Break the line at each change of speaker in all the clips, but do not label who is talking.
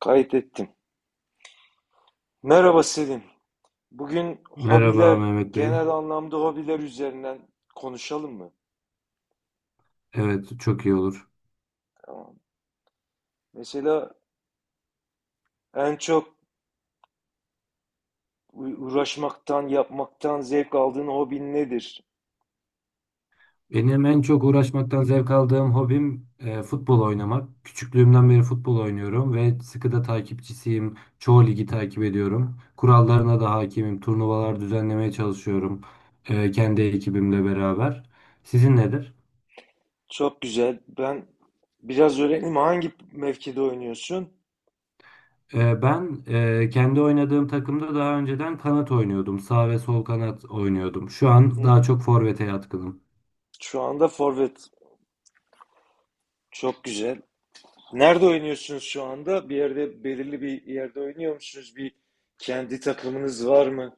Kaydettim. Merhaba Selim. Bugün
Merhaba
hobiler,
Mehmet Bey.
genel anlamda hobiler üzerinden konuşalım mı?
Evet, çok iyi olur.
Tamam. Mesela en çok uğraşmaktan, yapmaktan zevk aldığın hobin nedir?
Benim en çok uğraşmaktan zevk aldığım hobim futbol oynamak. Küçüklüğümden beri futbol oynuyorum ve sıkı da takipçisiyim. Çoğu ligi takip ediyorum. Kurallarına da hakimim. Turnuvalar düzenlemeye çalışıyorum kendi ekibimle beraber. Sizin nedir?
Çok güzel. Ben biraz öğreneyim. Hangi mevkide oynuyorsun?
Ben kendi oynadığım takımda daha önceden kanat oynuyordum. Sağ ve sol kanat oynuyordum. Şu an
Hı
daha
hı.
çok forvete yatkınım.
Şu anda forvet. Çok güzel. Nerede oynuyorsunuz şu anda? Bir yerde, belirli bir yerde oynuyor musunuz? Bir kendi takımınız var mı?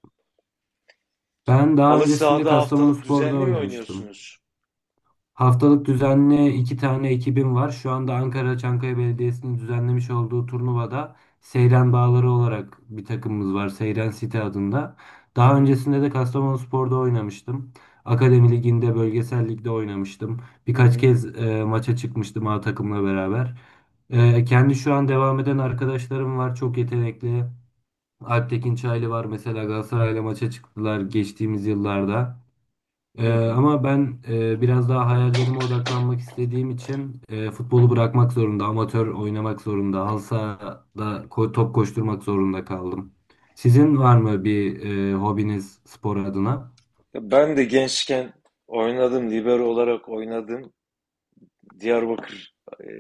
Ben daha
Halı
öncesinde
sahada haftalık
Kastamonuspor'da
düzenli mi
oynamıştım.
oynuyorsunuz?
Haftalık düzenli iki tane ekibim var. Şu anda Ankara Çankaya Belediyesi'nin düzenlemiş olduğu turnuvada Seyran Bağları olarak bir takımımız var. Seyran City adında.
Hı
Daha
hı.
öncesinde de Kastamonuspor'da oynamıştım. Akademi Ligi'nde, bölgesel ligde oynamıştım.
Hı
Birkaç
hı,
kez maça çıkmıştım A takımla beraber. Kendi şu an devam eden arkadaşlarım var. Çok yetenekli. Alptekin Çaylı var mesela Galatasaray'la maça çıktılar geçtiğimiz yıllarda.
hı
Ee,
hı.
ama ben biraz daha hayallerime odaklanmak istediğim için futbolu bırakmak zorunda, amatör oynamak zorunda, halı sahada top koşturmak zorunda kaldım. Sizin var mı bir hobiniz spor adına?
Ya ben de gençken oynadım, libero olarak oynadım. Diyarbakır e,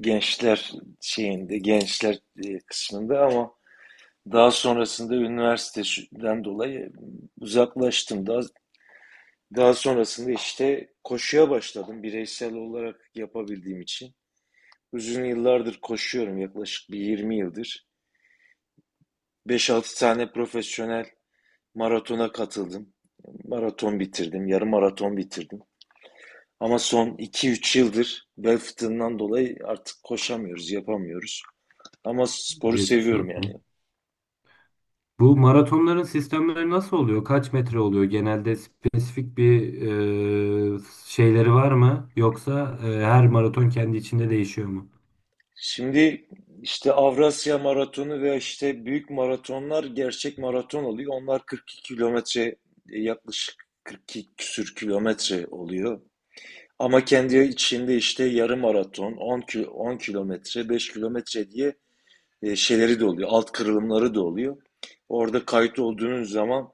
gençler şeyinde, gençler kısmında, ama daha sonrasında üniversiteden dolayı uzaklaştım. Daha sonrasında işte koşuya başladım bireysel olarak yapabildiğim için. Uzun yıllardır koşuyorum, yaklaşık bir 20 yıldır. Beş altı tane profesyonel maratona katıldım. Maraton bitirdim, yarım maraton bitirdim. Ama son iki üç yıldır bel fıtığından dolayı artık koşamıyoruz, yapamıyoruz. Ama sporu
Geçmiş
seviyorum yani.
olsun. Bu maratonların sistemleri nasıl oluyor? Kaç metre oluyor? Genelde spesifik bir e, şeyleri var mı? Yoksa her maraton kendi içinde değişiyor mu?
Şimdi işte Avrasya Maratonu ve işte büyük maratonlar gerçek maraton oluyor. Onlar 42 kilometre, yaklaşık 42 küsür kilometre oluyor. Ama kendi içinde işte yarım maraton, 10 kilo, 10 kilometre, 5 kilometre diye şeyleri de oluyor. Alt kırılımları da oluyor. Orada kayıt olduğunuz zaman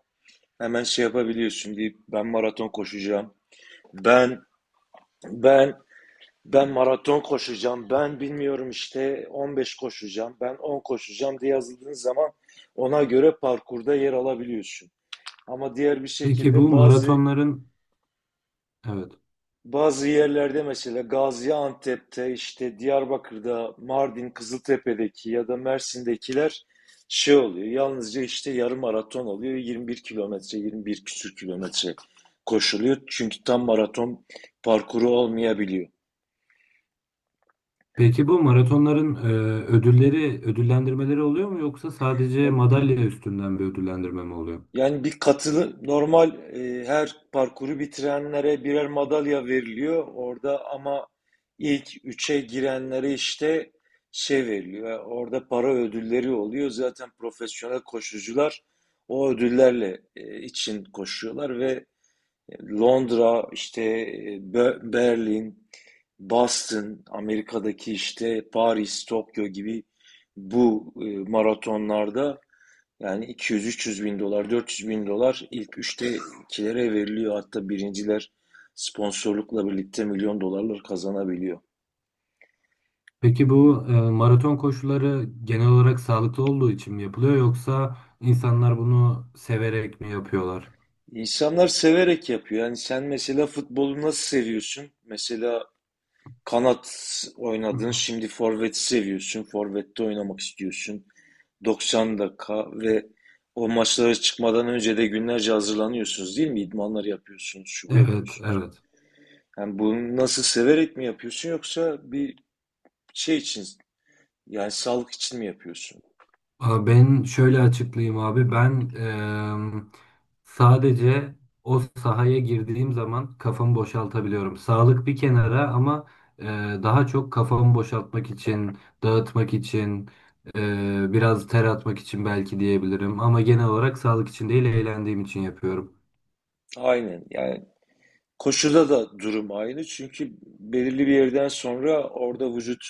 hemen şey yapabiliyorsun deyip ben maraton koşacağım. Ben ben ben maraton koşacağım. Ben bilmiyorum, işte 15 koşacağım, ben 10 koşacağım diye yazıldığın zaman ona göre parkurda yer alabiliyorsun. Ama diğer bir
Peki bu
şekilde bazı
maratonların evet.
Bazı yerlerde, mesela Gaziantep'te, işte Diyarbakır'da, Mardin, Kızıltepe'deki ya da Mersin'dekiler şey oluyor. Yalnızca işte yarım maraton oluyor. 21 kilometre, 21 küsür kilometre koşuluyor. Çünkü tam maraton parkuru olmayabiliyor.
Peki bu maratonların ödülleri, ödüllendirmeleri oluyor mu yoksa sadece
Ya bu,
madalya üstünden bir ödüllendirme mi oluyor?
Yani bir katılı normal, her parkuru bitirenlere birer madalya veriliyor orada, ama ilk üçe girenlere işte şey veriliyor. Yani orada para ödülleri oluyor. Zaten profesyonel koşucular o ödüllerle için koşuyorlar ve Londra, işte Berlin, Boston, Amerika'daki işte Paris, Tokyo gibi bu maratonlarda yani 200-300 bin dolar, 400 bin dolar ilk üçtekilere veriliyor. Hatta birinciler sponsorlukla birlikte milyon dolarlar kazanabiliyor.
Peki bu maraton koşuları genel olarak sağlıklı olduğu için mi yapılıyor yoksa insanlar bunu severek mi yapıyorlar?
İnsanlar severek yapıyor. Yani sen mesela futbolu nasıl seviyorsun? Mesela kanat oynadın, şimdi forvet seviyorsun. Forvette oynamak istiyorsun. 90 dakika, ve o maçlara çıkmadan önce de günlerce hazırlanıyorsunuz değil mi? İdmanlar yapıyorsunuz, şu bu
Evet,
yapıyorsunuz.
evet.
Yani bunu nasıl severek mi yapıyorsun, yoksa bir şey için, yani sağlık için mi yapıyorsun?
Aa, ben şöyle açıklayayım abi. Ben sadece o sahaya girdiğim zaman kafamı boşaltabiliyorum. Sağlık bir kenara ama e, daha çok kafamı boşaltmak için, dağıtmak için, biraz ter atmak için belki diyebilirim. Ama genel olarak sağlık için değil, eğlendiğim için yapıyorum.
Aynen. Yani koşuda da durum aynı. Çünkü belirli bir yerden sonra orada vücut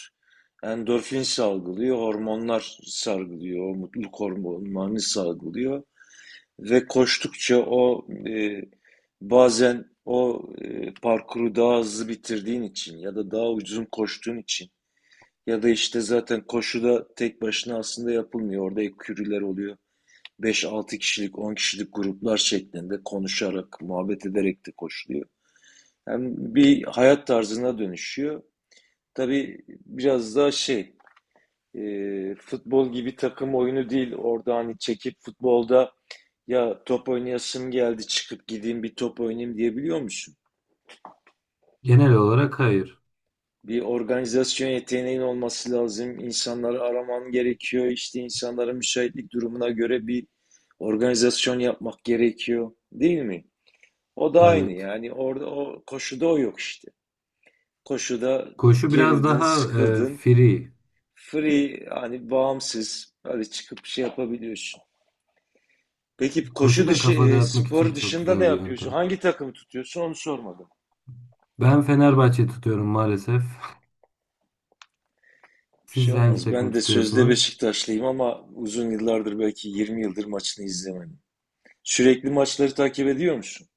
endorfin salgılıyor, hormonlar salgılıyor, o mutluluk hormonlarını salgılıyor ve koştukça o, bazen o parkuru daha hızlı bitirdiğin için ya da daha uzun koştuğun için, ya da işte zaten koşuda tek başına aslında yapılmıyor. Orada ekürüler oluyor. Beş altı kişilik, 10 kişilik gruplar şeklinde konuşarak, muhabbet ederek de koşuluyor. Hem bir hayat tarzına dönüşüyor. Tabii biraz daha şey, futbol gibi takım oyunu değil. Orada hani çekip futbolda, ya top oynayasım geldi, çıkıp gideyim bir top oynayayım diyebiliyor musun?
Genel olarak hayır.
Bir organizasyon yeteneğin olması lazım. İnsanları araman gerekiyor. İşte insanların müsaitlik durumuna göre bir organizasyon yapmak gerekiyor, değil mi? O da aynı
Evet.
yani, orada o koşuda o yok işte. Koşuda
Koşu biraz
gerildin,
daha
sıkıldın.
free.
Free, hani bağımsız öyle çıkıp şey yapabiliyorsun. Peki
Koşu
koşu
da
dışı,
kafa dağıtmak için
spor
çok
dışında ne
güzel bir
yapıyorsun?
yöntem.
Hangi takımı tutuyorsun, onu sormadım.
Ben Fenerbahçe tutuyorum maalesef.
Bir şey
Siz hangi
olmaz.
takımı
Ben de sözde
tutuyorsunuz?
Beşiktaşlıyım, ama uzun yıllardır, belki 20 yıldır maçını izlemedim. Sürekli maçları takip ediyor musun?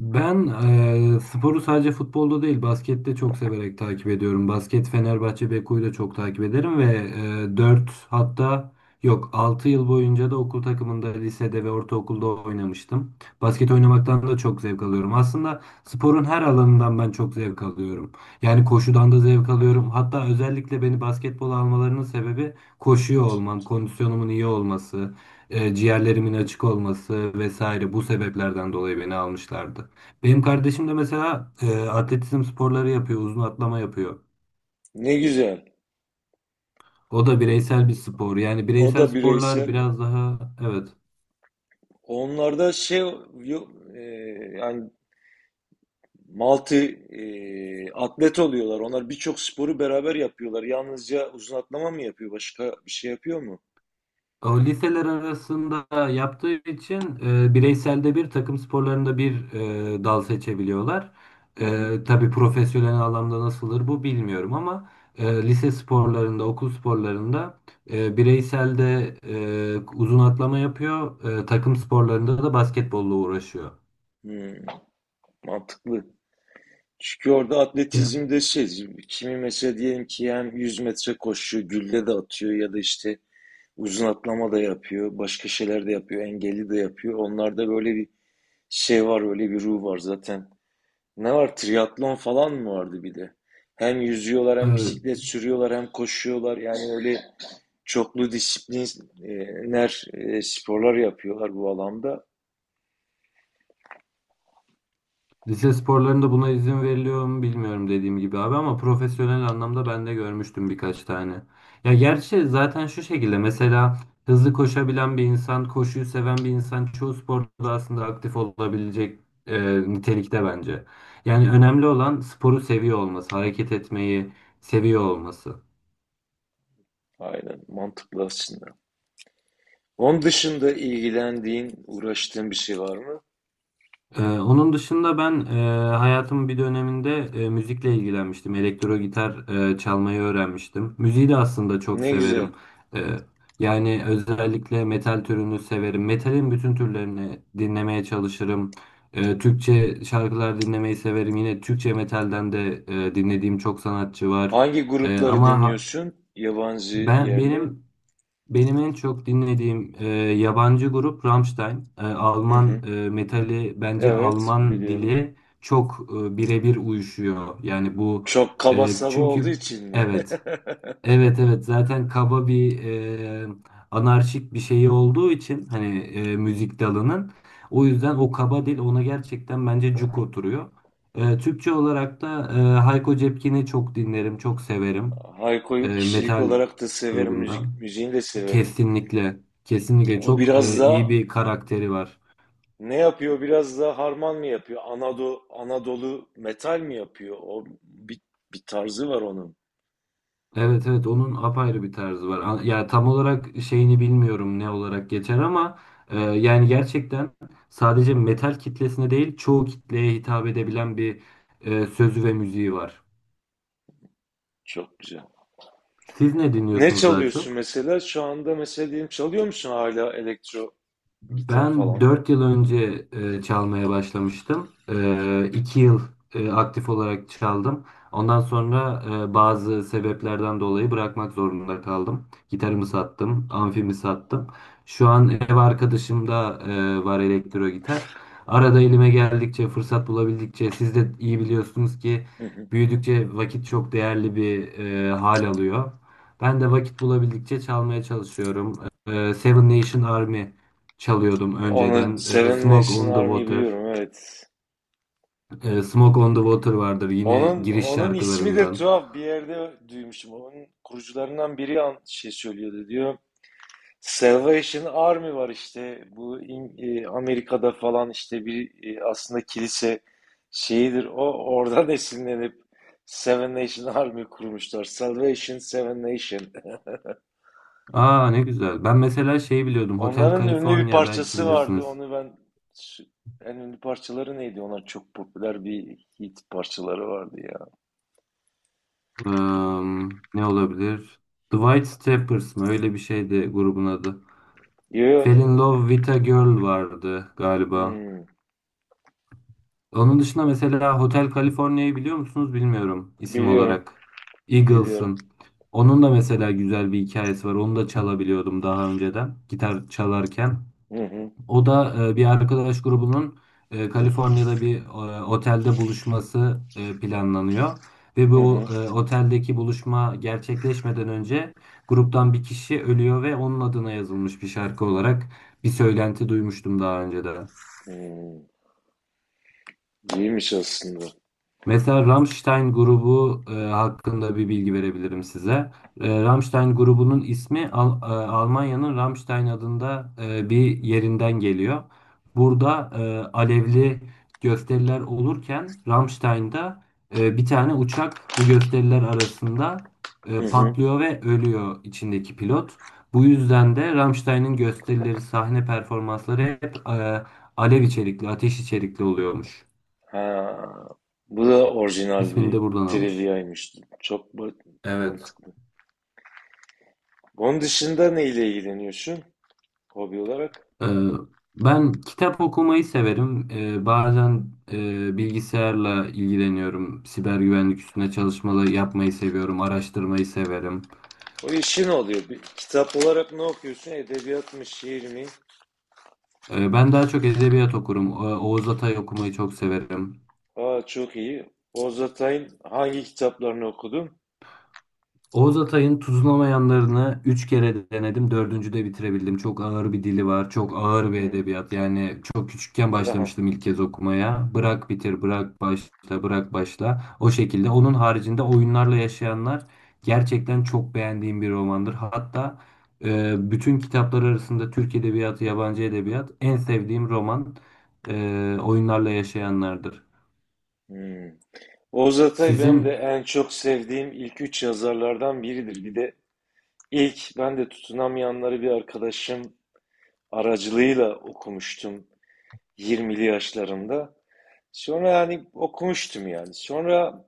Ben sporu sadece futbolda değil baskette çok severek takip ediyorum. Basket Fenerbahçe Beko'yu da çok takip ederim ve 4 hatta yok 6 yıl boyunca da okul takımında lisede ve ortaokulda oynamıştım. Basket oynamaktan da çok zevk alıyorum. Aslında sporun her alanından ben çok zevk alıyorum. Yani koşudan da zevk alıyorum. Hatta özellikle beni basketbola almalarının sebebi koşuyor olmam, kondisyonumun iyi olması, ciğerlerimin açık olması vesaire bu sebeplerden dolayı beni almışlardı. Benim kardeşim de mesela atletizm sporları yapıyor, uzun atlama yapıyor.
Ne güzel.
O da bireysel bir spor. Yani
O
bireysel
da
sporlar
bireysel.
biraz daha evet.
Onlarda şey yok, e, yani multi atlet oluyorlar. Onlar birçok sporu beraber yapıyorlar. Yalnızca uzun atlama mı yapıyor? Başka bir şey yapıyor mu?
O liseler arasında yaptığı için bireyselde bir takım sporlarında bir dal seçebiliyorlar.
Hı hı.
Tabii profesyonel anlamda nasıldır bu bilmiyorum ama lise sporlarında, okul sporlarında bireyselde uzun atlama yapıyor. Takım sporlarında da basketbolla uğraşıyor.
Hmm, mantıklı. Çünkü orada
Ya.
atletizmde şey, kimi mesela diyelim ki hem 100 metre koşuyor, gülle de atıyor, ya da işte uzun atlama da yapıyor, başka şeyler de yapıyor, engelli de yapıyor. Onlarda böyle bir şey var, öyle bir ruh var zaten. Ne var? Triatlon falan mı vardı bir de? Hem yüzüyorlar, hem
Evet.
bisiklet sürüyorlar, hem koşuyorlar. Yani öyle. Çoklu disipliner sporlar yapıyorlar bu alanda.
Lise sporlarında buna izin veriliyor mu bilmiyorum dediğim gibi abi ama profesyonel anlamda ben de görmüştüm birkaç tane. Ya gerçi zaten şu şekilde mesela hızlı koşabilen bir insan, koşuyu seven bir insan çoğu sporda aslında aktif olabilecek nitelikte bence. Yani önemli olan sporu seviyor olması, hareket etmeyi seviyor olması.
Aynen, mantıklı aslında. Onun dışında ilgilendiğin, uğraştığın bir şey var mı?
Onun dışında ben hayatımın bir döneminde müzikle ilgilenmiştim. Elektro gitar çalmayı öğrenmiştim. Müziği de aslında çok
Ne güzel.
severim. Ee, yani özellikle metal türünü severim. Metalin bütün türlerini dinlemeye çalışırım. Türkçe şarkılar dinlemeyi severim. Yine Türkçe metalden de dinlediğim çok sanatçı var.
Hangi grupları
Ama ha-
dinliyorsun? Yabancı,
ben
yerli?
benim benim en çok dinlediğim yabancı grup Rammstein.
Hı hı.
Alman metali bence
Evet,
Alman
biliyorum.
dili çok birebir uyuşuyor. Yani bu
Çok kaba saba olduğu
çünkü
için mi?
evet, evet, evet, zaten kaba bir anarşik bir şeyi olduğu için hani müzik dalının o yüzden o kaba dil ona gerçekten bence cuk oturuyor. Türkçe olarak da Hayko Cepkin'i çok dinlerim, çok severim. E,
Hayko'yu kişilik
metal
olarak da severim,
grubundan.
müzik, müziğini de severim.
Kesinlikle. Kesinlikle
O
çok
biraz
iyi
da
bir karakteri var.
Ne yapıyor? Biraz da harman mı yapıyor? Anadolu, metal mi yapıyor? O bir tarzı var onun.
Evet, evet, onun apayrı bir tarzı var. Ya tam olarak şeyini bilmiyorum ne olarak geçer ama yani gerçekten sadece metal kitlesine değil çoğu kitleye hitap edebilen bir sözü ve müziği var.
Çok güzel.
Siz ne
Ne
dinliyorsunuz daha
çalıyorsun
çok?
mesela? Şu anda mesela diyelim çalıyor musun hala elektro gitar
Ben
falan?
4 yıl önce çalmaya başlamıştım. 2 yıl aktif olarak çaldım. Ondan sonra bazı sebeplerden dolayı bırakmak zorunda kaldım. Gitarımı sattım, amfimi sattım. Şu an
Hmm.
ev arkadaşım da var elektro gitar. Arada elime geldikçe, fırsat bulabildikçe, siz de iyi biliyorsunuz ki
Hı hı.
büyüdükçe vakit çok değerli bir hal alıyor. Ben de vakit bulabildikçe çalmaya çalışıyorum. Seven Nation Army çalıyordum
Onun
önceden.
Seven
Smoke
Nation
on the
Army'yi
Water.
biliyorum, evet.
Smoke on the Water vardır yine
Onun
giriş
onun ismi de
şarkılarından.
tuhaf bir yerde duymuşum. Onun kurucularından biri şey söylüyordu diyor. Salvation Army var işte. Bu Amerika'da falan işte bir, aslında kilise şeyidir. O oradan esinlenip Seven Nation Army kurmuşlar. Salvation, Seven Nation.
Aa ne güzel. Ben mesela şeyi biliyordum. Hotel
Onların ünlü bir
California belki
parçası vardı.
bilirsiniz.
Onu ben En ünlü parçaları neydi? Onlar çok popüler, bir hit parçaları vardı ya.
Ee, ne olabilir? The White Stripes mı? Öyle bir şeydi grubun adı.
Yo,
Fell in
yo,
Love with a Girl vardı galiba.
hmm,
Onun dışında mesela Hotel California'yı biliyor musunuz bilmiyorum isim
biliyorum.
olarak.
Biliyorum.
Eagles'ın. Onun da mesela güzel bir hikayesi var. Onu da çalabiliyordum daha önceden gitar çalarken.
Hı hı.
O da bir arkadaş grubunun Kaliforniya'da bir otelde buluşması planlanıyor. Ve
Hı
bu
hı.
oteldeki buluşma gerçekleşmeden önce gruptan bir kişi ölüyor ve onun adına yazılmış bir şarkı olarak bir söylenti duymuştum daha önce de.
Hmm, iyiymiş aslında.
Mesela Rammstein grubu hakkında bir bilgi verebilirim size. Rammstein grubunun ismi Almanya'nın Rammstein adında bir yerinden geliyor. Burada alevli gösteriler olurken Rammstein'da bir tane uçak bu gösteriler arasında
Hı hı.
patlıyor ve ölüyor içindeki pilot. Bu yüzden de Rammstein'in gösterileri, sahne performansları hep alev içerikli, ateş içerikli oluyormuş.
Ha, bu da orijinal
İsmini
bir
de buradan almış.
triviaymış. Çok
Evet.
mantıklı. Onun dışında neyle ilgileniyorsun, hobi olarak?
Ee, ben kitap okumayı severim. Bazen bilgisayarla ilgileniyorum. Siber güvenlik üstüne çalışmalar yapmayı seviyorum. Araştırmayı severim.
O işin oluyor. Kitap olarak ne okuyorsun? Edebiyat mı, şiir mi?
Ben daha çok edebiyat okurum. Oğuz Atay okumayı çok severim.
Aa, çok iyi. Oğuz Atay'ın hangi kitaplarını okudun?
Oğuz Atay'ın Tuzlamayanlarını 3 kere denedim. Dördüncüde bitirebildim. Çok ağır bir dili var. Çok ağır bir
Hı,
edebiyat. Yani çok küçükken
tamam.
başlamıştım ilk kez okumaya. Bırak bitir, bırak başla, bırak başla. O şekilde. Onun haricinde Oyunlarla Yaşayanlar gerçekten çok beğendiğim bir romandır. Hatta bütün kitaplar arasında Türk Edebiyatı, yabancı edebiyat en sevdiğim roman Oyunlarla Yaşayanlardır.
Hı. Oğuz Atay benim de
Sizin
en çok sevdiğim ilk üç yazarlardan biridir. Bir de ilk ben de tutunamayanları bir arkadaşım aracılığıyla okumuştum. 20'li yaşlarımda. Sonra yani okumuştum yani. Sonra,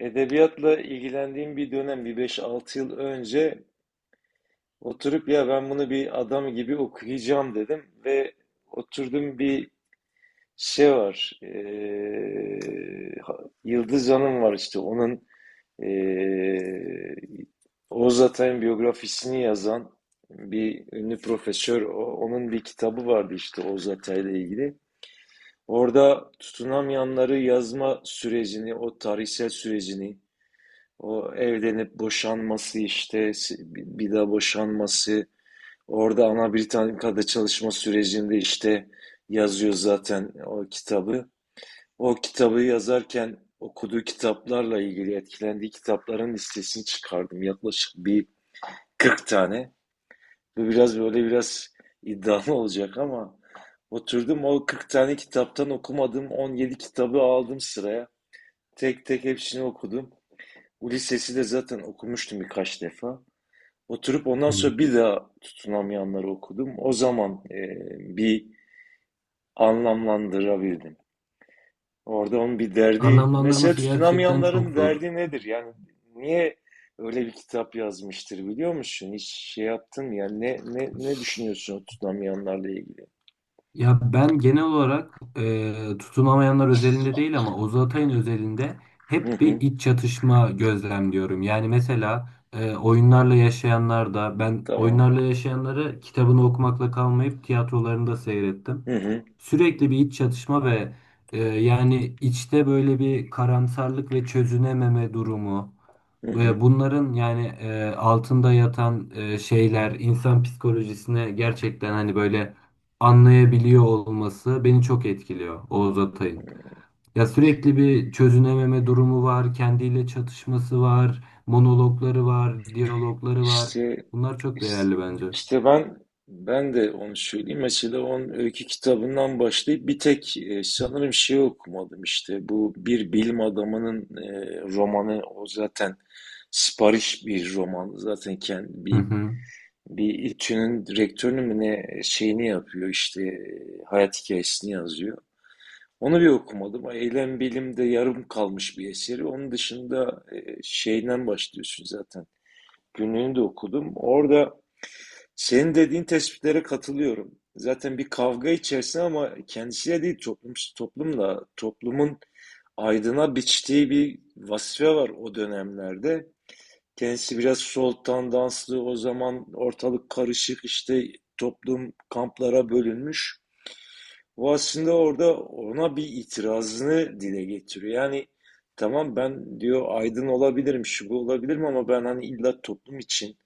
edebiyatla ilgilendiğim bir dönem, bir beş altı yıl önce, oturup ya ben bunu bir adam gibi okuyacağım dedim ve oturdum, bir şey var. Yıldız Hanım var işte, onun ee, Oğuz Atay'ın biyografisini yazan bir ünlü profesör, onun bir kitabı vardı işte Oğuz Atay'la ilgili. Orada tutunamayanları yazma sürecini, o tarihsel sürecini, o evlenip boşanması işte, bir daha boşanması, orada Ana Britannica'da çalışma sürecinde işte yazıyor zaten o kitabı. O kitabı yazarken okuduğu kitaplarla ilgili etkilendiği kitapların listesini çıkardım. Yaklaşık bir 40 tane. Bu biraz böyle, biraz iddialı olacak ama, oturdum o 40 tane kitaptan okumadığım 17 kitabı aldım sıraya. Tek tek hepsini okudum. Ulysses'i de zaten okumuştum birkaç defa. Oturup ondan
Hı.
sonra bir daha tutunamayanları okudum. O zaman bir anlamlandırabildim. Orada onun bir derdi, mesela
Anlamlandırması gerçekten çok
tutunamayanların derdi nedir? Yani niye öyle bir kitap yazmıştır biliyor musun? Hiç şey yaptın ya, ne ne
zor.
ne düşünüyorsun o tutunamayanlarla ilgili?
Ya ben genel olarak tutunamayanlar özelinde değil ama Oğuz Atay'ın özelinde
Hı
hep bir
hı,
iç çatışma gözlemliyorum. Yani mesela oyunlarla yaşayanlar da ben
tamam.
oyunlarla yaşayanları kitabını okumakla kalmayıp tiyatrolarını da seyrettim.
Hı hı,
Sürekli bir iç çatışma ve yani içte böyle bir karamsarlık ve çözünememe durumu.
hı hı.
Ve bunların yani altında yatan şeyler insan psikolojisine gerçekten hani böyle anlayabiliyor olması beni çok etkiliyor Oğuz Atay'ın. Ya sürekli bir çözünememe durumu var, kendiyle çatışması var, monologları var, diyalogları var.
İşte,
Bunlar çok
işte,
değerli bence.
işte, ben de onu söyleyeyim. Mesela onun öykü kitabından başlayıp bir tek, sanırım şey okumadım işte. Bu bir bilim adamının romanı, o zaten sipariş bir roman. Zaten kendi
Hı
bir
hı.
İTÜ'nün rektörünü mü ne, şeyini yapıyor işte, hayat hikayesini yazıyor. Onu bir okumadım. Eylem bilimde yarım kalmış bir eseri. Onun dışında, şeyden başlıyorsun zaten. Günlüğünü de okudum. Orada senin dediğin tespitlere katılıyorum. Zaten bir kavga içerisinde, ama kendisiyle değil, toplumun aydına biçtiği bir vazife var o dönemlerde. Kendisi biraz soltan tandanslı, o zaman ortalık karışık, işte toplum kamplara bölünmüş. O aslında orada ona bir itirazını dile getiriyor. Yani tamam ben diyor, aydın olabilirim, şu bu olabilirim, ama ben hani illa toplum için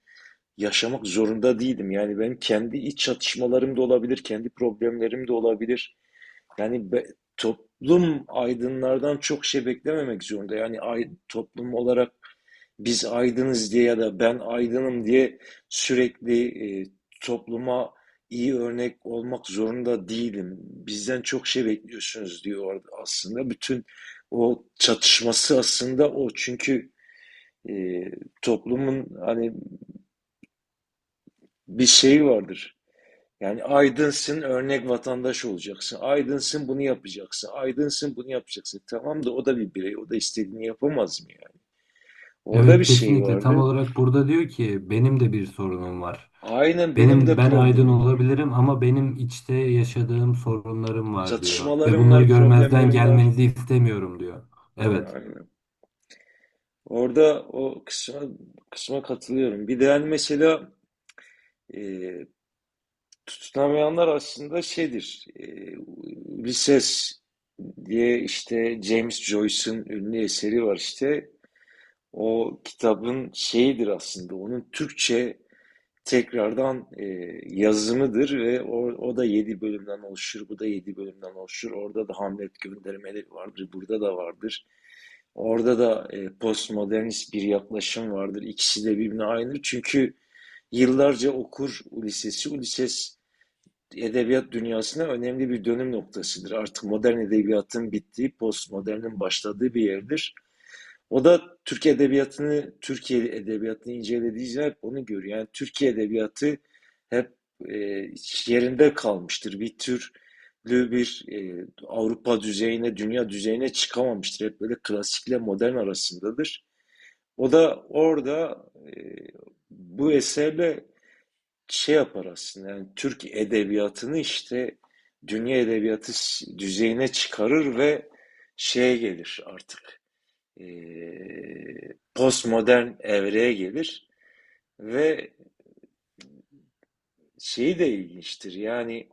yaşamak zorunda değilim. Yani benim kendi iç çatışmalarım da olabilir, kendi problemlerim de olabilir. Yani toplum aydınlardan çok şey beklememek zorunda. Yani, toplum olarak biz aydınız diye ya da ben aydınım diye sürekli topluma iyi örnek olmak zorunda değilim. Bizden çok şey bekliyorsunuz diyor aslında. Bütün o çatışması aslında o. Çünkü, e, toplumun hani bir şeyi vardır. Yani aydınsın, örnek vatandaş olacaksın. Aydınsın, bunu yapacaksın. Aydınsın, bunu yapacaksın. Tamam da o da bir birey. O da istediğini yapamaz mı yani? Orada
Evet,
bir şey
kesinlikle tam
vardı.
olarak burada diyor ki benim de bir sorunum var.
Aynen, benim
Benim
de
ben aydın
problemim var.
olabilirim ama benim içte yaşadığım sorunlarım var diyor ve
Çatışmalarım
bunları
var,
görmezden
problemlerim var.
gelmenizi istemiyorum diyor. Evet.
Aynen. Orada o kısma katılıyorum. Bir de yani, mesela, e, tutunamayanlar aslında şeydir. Bir ses diye işte James Joyce'ın ünlü eseri var işte. O kitabın şeyidir aslında, onun Türkçe tekrardan, yazımıdır ve o da 7 bölümden oluşur, bu da 7 bölümden oluşur. Orada da Hamlet göndermeleri vardır, burada da vardır. Orada da, postmodernist bir yaklaşım vardır. İkisi de birbirine aynıdır. Çünkü yıllarca okur Ulises'i. Ulises edebiyat dünyasına önemli bir dönüm noktasıdır. Artık modern edebiyatın bittiği, postmodernin başladığı bir yerdir. O da Türk edebiyatını, Türkiye edebiyatını incelediği için hep onu görüyor. Yani Türkiye edebiyatı hep, e, yerinde kalmıştır. Bir türlü bir, Avrupa düzeyine, dünya düzeyine çıkamamıştır. Hep böyle klasikle modern arasındadır. O da orada, bu eserle şey yapar aslında. Yani Türk edebiyatını işte dünya edebiyatı düzeyine çıkarır ve şeye gelir artık, e, postmodern evreye gelir ve şeyi de ilginçtir. Yani,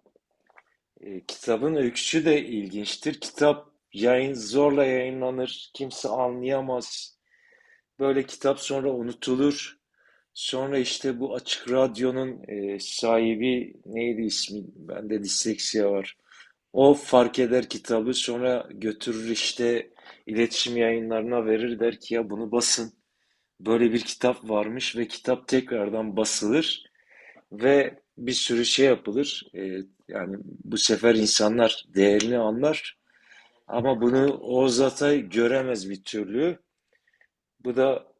kitabın öyküsü de ilginçtir. Kitap yayın zorla yayınlanır. Kimse anlayamaz. Böyle kitap sonra unutulur. Sonra işte bu Açık Radyo'nun, sahibi neydi ismi? Bende disleksiya var. O fark eder kitabı, sonra götürür işte iletişim yayınları'na verir, der ki ya bunu basın. Böyle bir kitap varmış ve kitap tekrardan basılır ve bir sürü şey yapılır. Yani bu sefer insanlar değerini anlar, ama bunu Oğuz Atay göremez bir türlü. Bu da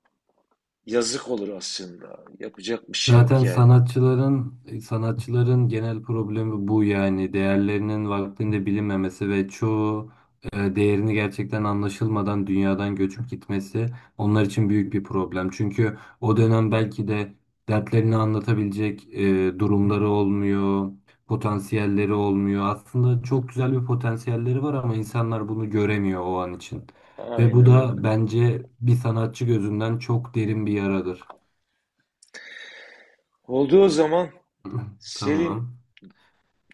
yazık olur aslında. Yapacak bir şey yok
Zaten
yani.
sanatçıların genel problemi bu yani değerlerinin vaktinde bilinmemesi ve çoğu değerini gerçekten anlaşılmadan dünyadan göçüp gitmesi onlar için büyük bir problem. Çünkü o dönem belki de dertlerini anlatabilecek durumları olmuyor, potansiyelleri olmuyor. Aslında çok güzel bir potansiyelleri var ama insanlar bunu göremiyor o an için. Ve bu
Aynen öyle.
da bence bir sanatçı gözünden çok derin bir yaradır.
Oldu o zaman. Selim,
Tamam.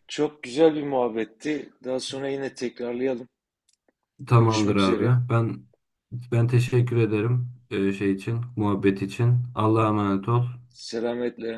çok güzel bir muhabbetti. Daha sonra yine tekrarlayalım.
Tamamdır
Görüşmek üzere.
abi. Ben teşekkür ederim muhabbet için. Allah'a emanet ol.
Selametle.